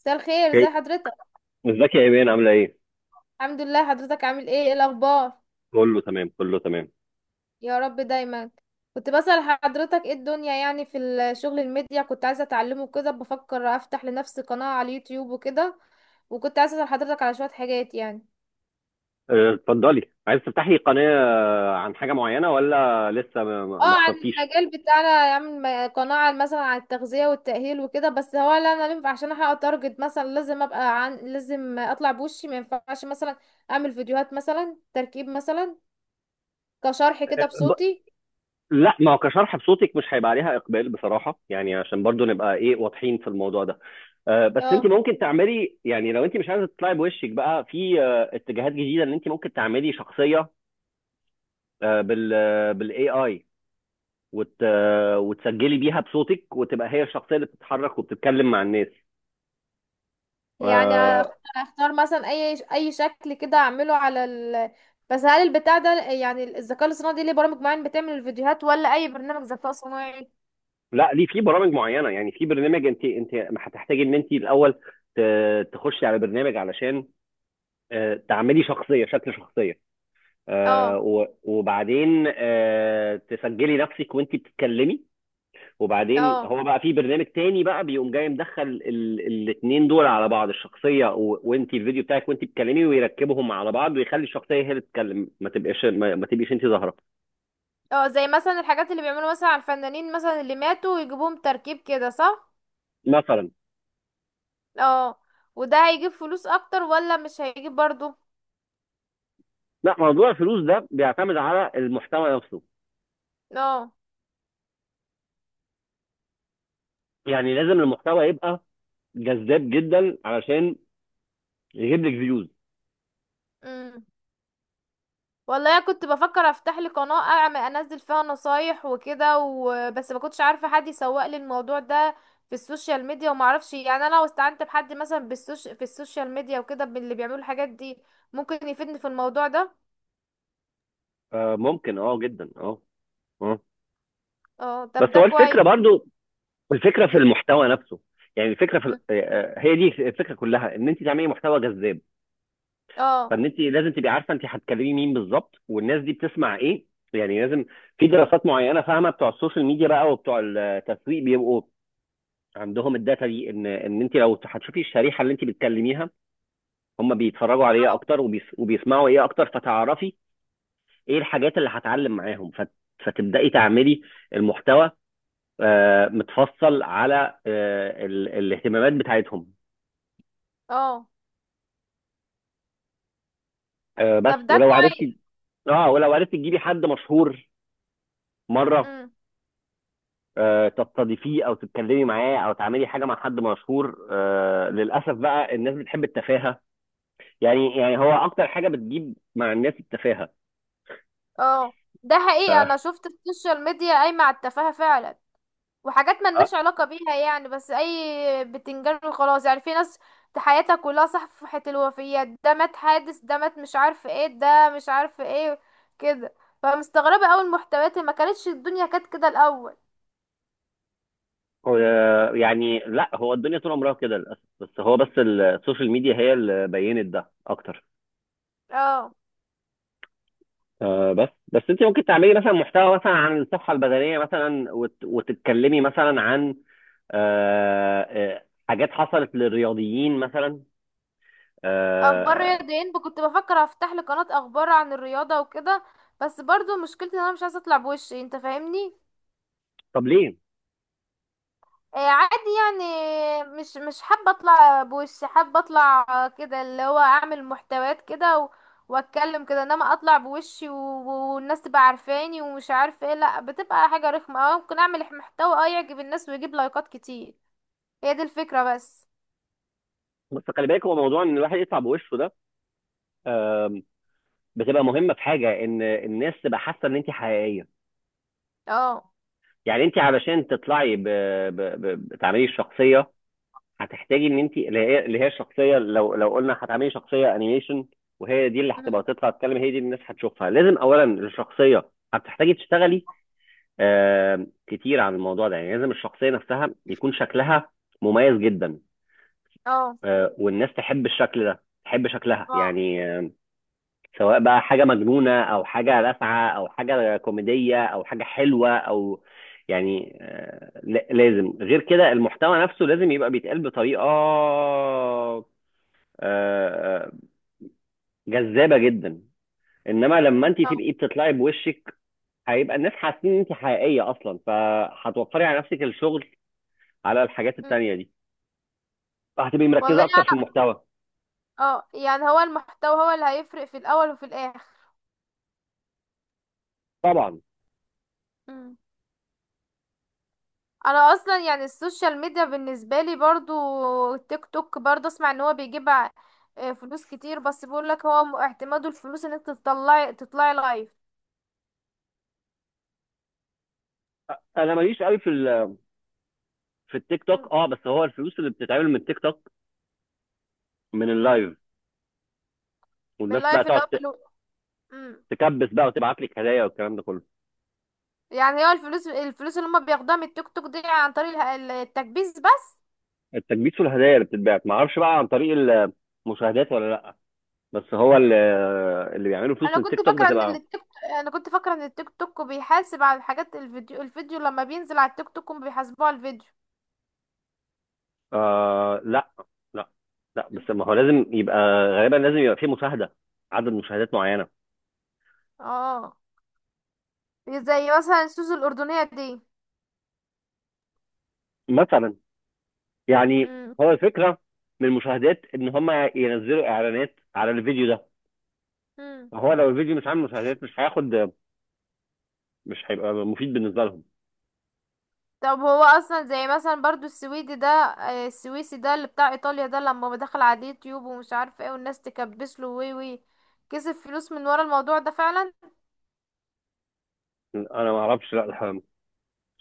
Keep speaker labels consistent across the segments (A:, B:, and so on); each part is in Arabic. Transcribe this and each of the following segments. A: مساء الخير، ازي
B: اوكي.
A: حضرتك؟
B: ازيك يا ايمان؟ عامله ايه؟
A: الحمد لله. حضرتك عامل ايه؟ ايه الاخبار؟
B: كله تمام، كله تمام.
A: يا رب دايما. كنت بسأل حضرتك ايه الدنيا، يعني في الشغل الميديا كنت عايزة اتعلمه كده، بفكر افتح لنفسي قناة على اليوتيوب وكده. وكنت عايزة اسأل حضرتك على شوية حاجات يعني.
B: اتفضلي. عايز تفتحي قناه عن حاجه معينه ولا لسه ما ما-
A: اه،
B: ما
A: عن
B: اخترتيش؟
A: المجال بتاعنا، اعمل قناة مثلا عن التغذية والتأهيل وكده. بس هو لا، انا ينفع عشان احقق تارجت مثلا لازم ابقى عن، لازم اطلع بوشي؟ ما ينفعش مثلا اعمل فيديوهات مثلا تركيب مثلا؟ كشرح كده
B: ب...
A: بصوتي؟
B: لا، ما هو كشرح بصوتك مش هيبقى عليها اقبال بصراحه، يعني عشان برضو نبقى ايه، واضحين في الموضوع ده. بس انت
A: اه.
B: ممكن تعملي، يعني، لو انت مش عايزه تطلعي بوشك بقى في اتجاهات جديده، ان انت ممكن تعملي شخصيه. أه، بال بالاي اي، وتسجلي بيها بصوتك، وتبقى هي الشخصيه اللي بتتحرك وبتتكلم مع الناس.
A: يعني
B: آه،
A: اختار مثلا اي شكل كده اعمله على ال... بس هل البتاع ده، يعني الذكاء الاصطناعي، دي ليه برامج معينة بتعمل الفيديوهات، ولا اي برنامج ذكاء صناعي؟
B: لا، ليه في برامج معينه. يعني في برنامج، انت هتحتاجي ان انت الاول تخشي على برنامج علشان تعملي شخصيه، شكل شخصيه،
A: اه.
B: وبعدين تسجلي نفسك وانت بتتكلمي. وبعدين
A: اه.
B: هو بقى في برنامج تاني بقى بيقوم جاي مدخل الاثنين دول على بعض، الشخصيه وانت، الفيديو بتاعك وانت بتتكلمي، ويركبهم على بعض ويخلي الشخصيه هي اللي تتكلم، ما تبقاش ما تبقيش انت ظاهره.
A: اه، زي مثلا الحاجات اللي بيعملوا مثلا على الفنانين مثلا اللي ماتوا ويجيبوهم تركيب كده، صح؟
B: مثلا.
A: اه. وده هيجيب فلوس اكتر ولا مش هيجيب برضو؟
B: لا، موضوع الفلوس ده بيعتمد على المحتوى نفسه.
A: اه.
B: يعني لازم المحتوى يبقى جذاب جدا علشان يجيب لك فيوز.
A: امم والله كنت بفكر افتح لي قناة، اعمل انزل فيها نصايح وكده بس ما كنتش عارفة حد يسوق لي الموضوع ده في السوشيال ميديا. وما اعرفش يعني، انا لو استعنت بحد مثلا في السوشيال ميديا وكده، باللي بيعملوا الحاجات دي، ممكن يفيدني في الموضوع ده؟
B: فممكن، اه، جدا، اه. اه،
A: اه،
B: بس
A: طب ده
B: هو الفكره
A: كويس.
B: برضو، الفكره في
A: مم.
B: المحتوى نفسه. يعني الفكره في
A: مم.
B: هي دي الفكره كلها، ان انت تعملي محتوى جذاب.
A: اه.
B: فان انت لازم تبقي عارفه انت هتكلمي مين بالظبط، والناس دي بتسمع ايه. يعني لازم في
A: مم.
B: دراسات معينه فاهمه، بتوع السوشيال ميديا بقى وبتوع التسويق بيبقوا عندهم الداتا دي، ان انت لو هتشوفي الشريحه اللي انت بتكلميها هم بيتفرجوا على ايه
A: اه.
B: اكتر، وبيسمعوا ايه اكتر، فتعرفي ايه الحاجات اللي هتعلم معاهم، فتبداي تعملي المحتوى متفصل على الاهتمامات بتاعتهم.
A: اه،
B: بس
A: طب ده
B: ولو
A: كويس.
B: عرفتي، اه، ولو عرفتي تجيبي حد مشهور مره،
A: مم.
B: تستضيفيه او تتكلمي معاه او تعملي حاجه مع حد مشهور. للاسف بقى الناس بتحب التفاهه. يعني هو اكتر حاجه بتجيب مع الناس التفاهه.
A: اه، ده حقيقة انا
B: ف
A: شفت السوشيال ميديا قايمة على التفاهة فعلا. وحاجات ملناش علاقة بيها، يعني بس اي بتنجان وخلاص، يعني في ناس حياتها كلها صفحة الوفيات، ده مات حادث، ده مات مش عارف ايه، ده مش عارف ايه كده. فمستغربة اوي المحتويات، ما كانتش الدنيا كانت كده الاول.
B: يعني، لا، هو الدنيا طول عمرها كده للاسف، بس السوشيال ميديا هي اللي بينت ده اكتر.
A: اه،
B: بس انت ممكن تعملي مثلا محتوى مثلا عن الصحه البدنيه مثلا، وتتكلمي مثلا عن حاجات حصلت للرياضيين مثلا.
A: اخبار
B: آه
A: رياضيين كنت بفكر افتح لي قناة اخبار عن الرياضة وكده. بس برضو مشكلتي ان انا مش عايزة اطلع بوشي، انت فاهمني؟
B: طب ليه؟
A: عادي يعني، مش حابة اطلع بوشي، حابة اطلع كده اللي هو اعمل محتويات كده واتكلم كده، انما اطلع بوشي والناس تبقى عارفاني ومش عارفة ايه، لا بتبقى حاجة رخمة. اه، ممكن اعمل محتوى اه يعجب الناس ويجيب لايكات كتير، هي دي الفكرة بس.
B: بس خلي بالك، هو موضوع ان الواحد يطلع بوشه ده، آه بتبقى مهمه في حاجه، ان الناس تبقى حاسه ان انت حقيقيه.
A: اه.
B: يعني انت علشان تطلعي ب... تعملي الشخصيه، هتحتاجي ان انت، اللي هي الشخصيه، لو قلنا هتعملي شخصيه انيميشن، وهي دي اللي هتبقى
A: مم.
B: تطلع تتكلم، هي دي الناس هتشوفها. لازم اولا الشخصيه هتحتاجي تشتغلي
A: مم.
B: كتير عن الموضوع ده. يعني لازم الشخصيه نفسها يكون شكلها مميز جدا،
A: اه.
B: والناس تحب الشكل ده، تحب شكلها،
A: اه.
B: يعني، سواء بقى حاجه مجنونه او حاجه لاسعه او حاجه كوميديه او حاجه حلوه او، يعني، لازم. غير كده، المحتوى نفسه لازم يبقى بيتقال بطريقه آه، آه، جذابه جدا. انما لما انت
A: آه.
B: تبقي بتطلعي بوشك، هيبقى الناس حاسين ان انت حقيقيه اصلا، فهتوفري على نفسك الشغل على الحاجات
A: مم.
B: التانيه دي، فهتبقي مركزه
A: والله
B: اكتر في
A: يعني-
B: المحتوى.
A: اه يعني، هو المحتوى هو اللي هيفرق في الاول وفي الاخر.
B: طبعا.
A: مم. انا اصلا يعني السوشيال ميديا بالنسبه لي، برضو تيك توك برضو اسمع ان هو بيجيب فلوس كتير، بس بيقول لك هو اعتماده الفلوس انك تطلعي، تطلعي لايف.
B: انا ماليش قوي في في التيك
A: م-
B: توك. اه، بس هو الفلوس اللي بتتعمل من التيك توك من
A: م.
B: اللايف،
A: من
B: والناس بقى
A: اللايف اللي
B: تقعد
A: هو م.
B: تكبس بقى وتبعت لك هدايا والكلام ده كله.
A: يعني هو الفلوس، الفلوس اللي هم بياخدوها من التيك توك دي عن طريق التكبيس بس؟
B: التكبيس والهدايا اللي بتتبعت ما اعرفش بقى عن طريق المشاهدات ولا لا، بس هو اللي بيعملوا فلوس
A: انا
B: من التيك
A: كنت
B: توك
A: فاكره ان
B: بتبقى
A: التيك انا كنت فاكره ان التيك توك بيحاسب على الحاجات، الفيديو، الفيديو لما بينزل على التيك توك هم بيحاسبوه على الفيديو.
B: لا، لا، لا،
A: م.
B: بس ما هو لازم يبقى، غالبا لازم يبقى فيه مشاهده، عدد مشاهدات معينه.
A: اه، زي مثلا السوس الاردنيه دي.
B: مثلا. يعني
A: م.
B: هو الفكره من المشاهدات، ان هم ينزلوا اعلانات على الفيديو ده.
A: م.
B: فهو لو الفيديو مش عامل مشاهدات مش هياخد، مش هيبقى مفيد بالنسبه لهم.
A: طب هو اصلا زي مثلا برضو السويدي ده، السويسي ده اللي بتاع ايطاليا ده، لما دخل على اليوتيوب ومش عارف ايه والناس تكبس له وي وي، كسب فلوس من ورا الموضوع ده فعلا؟
B: انا ما اعرفش، لا الح-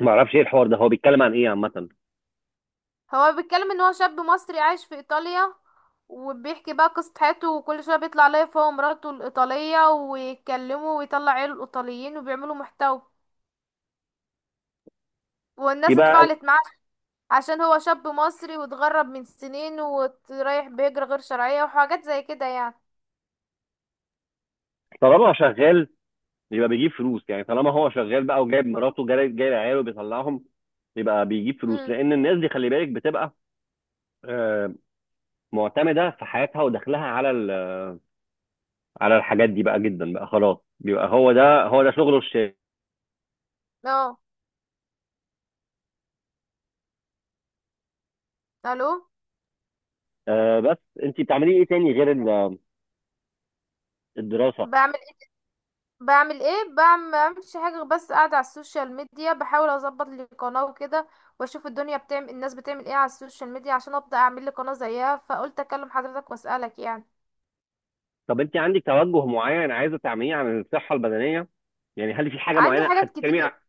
B: ما اعرفش ايه الحوار ده، هو بيتكلم عن ايه عامه؟
A: هو بيتكلم ان هو شاب مصري عايش في ايطاليا، وبيحكي بقى قصة حياته، وكل شوية بيطلع لايف هو ومراته الإيطالية ويتكلموا ويطلع عيله الإيطاليين وبيعملوا محتوى، والناس
B: يبقى
A: اتفاعلت معاه عشان هو شاب مصري واتغرب من سنين ورايح بهجرة غير شرعية وحاجات زي كده يعني.
B: طالما شغال يبقى بيجيب فلوس. يعني طالما هو شغال بقى وجايب مراته، جايب عياله، بيطلعهم، يبقى بيجيب فلوس.
A: امم
B: لان الناس دي خلي بالك بتبقى آه، معتمده في حياتها ودخلها على على الحاجات دي بقى جدا، بقى خلاص، بيبقى هو ده هو ده شغله الشاغل.
A: اه. الو.
B: بس انت بتعملي ايه تاني غير الدراسه؟
A: بعمل، بعمل ايه؟ بعمل، ما بعملش حاجه غير بس قاعده على السوشيال ميديا، بحاول اظبط لي قناه وكده، واشوف الدنيا بتعمل، الناس بتعمل ايه على السوشيال ميديا، عشان ابدا اعمل لي قناه زيها. فقلت اكلم حضرتك واسالك يعني.
B: طب انت عندك توجه معين عايزه تعمليه عن الصحه البدنيه؟ يعني هل في حاجه
A: عندي
B: معينه
A: حاجات
B: هتتكلمي
A: كتير.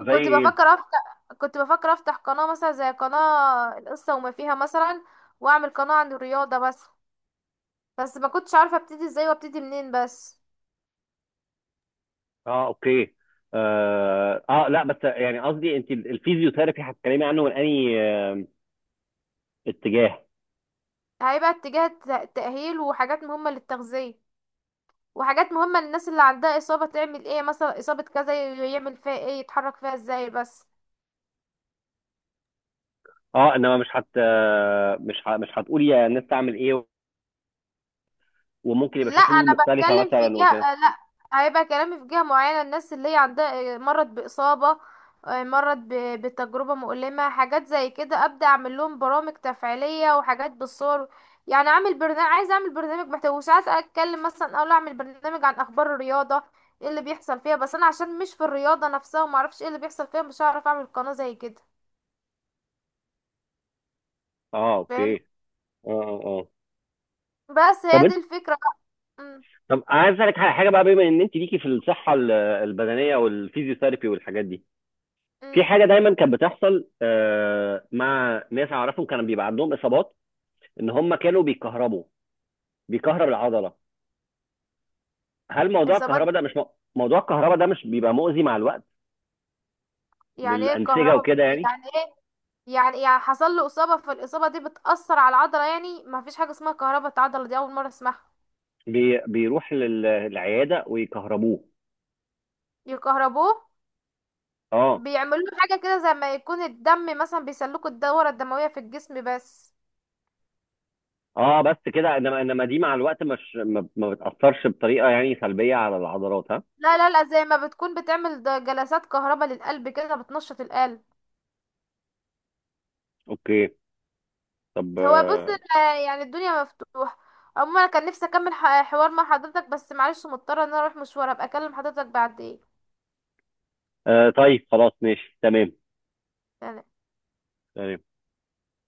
B: زي ايه؟
A: كنت بفكر افتح قناه مثلا زي قناه القصه وما فيها مثلا، واعمل قناه عن الرياضه بس. بس ما كنتش عارفه ابتدي ازاي وابتدي منين بس.
B: اه، اوكي. اه، لا، بس يعني قصدي انت الفيزيوثيرابي هتتكلمي عنه من انهي اتجاه؟
A: هيبقى اتجاه تاهيل، وحاجات مهمه للتغذيه، وحاجات مهمة للناس اللي عندها إصابة، تعمل ايه مثلا، إصابة كذا يعمل فيها ايه، يتحرك فيها ازاي، بس.
B: اه، انما مش مش مش هتقولي يا الناس تعمل ايه، وممكن يبقى
A: لا،
B: في حلول
A: أنا
B: مختلفه
A: بتكلم في
B: مثلا
A: جهة،
B: وكده؟
A: لا، هيبقى كلامي في جهة معينة، الناس اللي هي عندها مرض بإصابة، مرض بتجربة مؤلمة، حاجات زي كده، أبدأ أعمل لهم برامج تفعيلية وحاجات بالصور. يعني أعمل برنامج، عايزة أعمل برنامج محتوى، وساعات أتكلم مثلا، أقول أعمل برنامج عن أخبار الرياضة، ايه اللي بيحصل فيها. بس أنا عشان مش في الرياضة نفسها ومعرفش ايه اللي بيحصل فيها، مش هعرف أعمل قناة زي كده.
B: اه، اوكي.
A: فاهم؟
B: اه، اه، آه.
A: بس
B: طب
A: هي دي
B: انت،
A: الفكرة بقى. امم
B: طب عايز اسالك على حاجه بقى، بما ان انت ليكي في الصحه البدنيه والفيزيوثيرابي والحاجات دي، في
A: امم.
B: حاجه دايما كانت بتحصل مع ناس اعرفهم كانوا بيبقى عندهم اصابات، ان هم كانوا بيكهربوا، بيكهرب العضله. هل موضوع
A: اصابات.
B: الكهرباء ده مش موضوع الكهرباء ده مش بيبقى مؤذي مع الوقت
A: يعني ايه
B: للانسجه
A: الكهرباء؟
B: وكده، يعني؟
A: يعني ايه؟ يعني، يعني حصل له اصابة فالاصابة دي بتأثر على العضلة، يعني ما فيش حاجة اسمها كهرباء العضلة، دي اول مرة اسمعها.
B: بيروح للعياده ويكهربوه.
A: يكهربوه؟
B: اه،
A: بيعملوا له حاجة كده زي ما يكون الدم مثلا، بيسلكوا الدورة الدموية في الجسم بس.
B: اه بس كده، انما دي مع الوقت، مش ما بتاثرش بطريقه يعني سلبيه على العضلات، ها؟
A: لا لا لا، زي ما بتكون بتعمل جلسات كهرباء للقلب كده بتنشط القلب.
B: اوكي. طب،
A: هو بص، يعني الدنيا مفتوحة عموما. انا كان نفسي اكمل حوار مع حضرتك بس معلش مضطرة ان انا اروح مشوار، ابقى اكلم حضرتك بعدين.
B: طيب، خلاص، ماشي، تمام، تمام.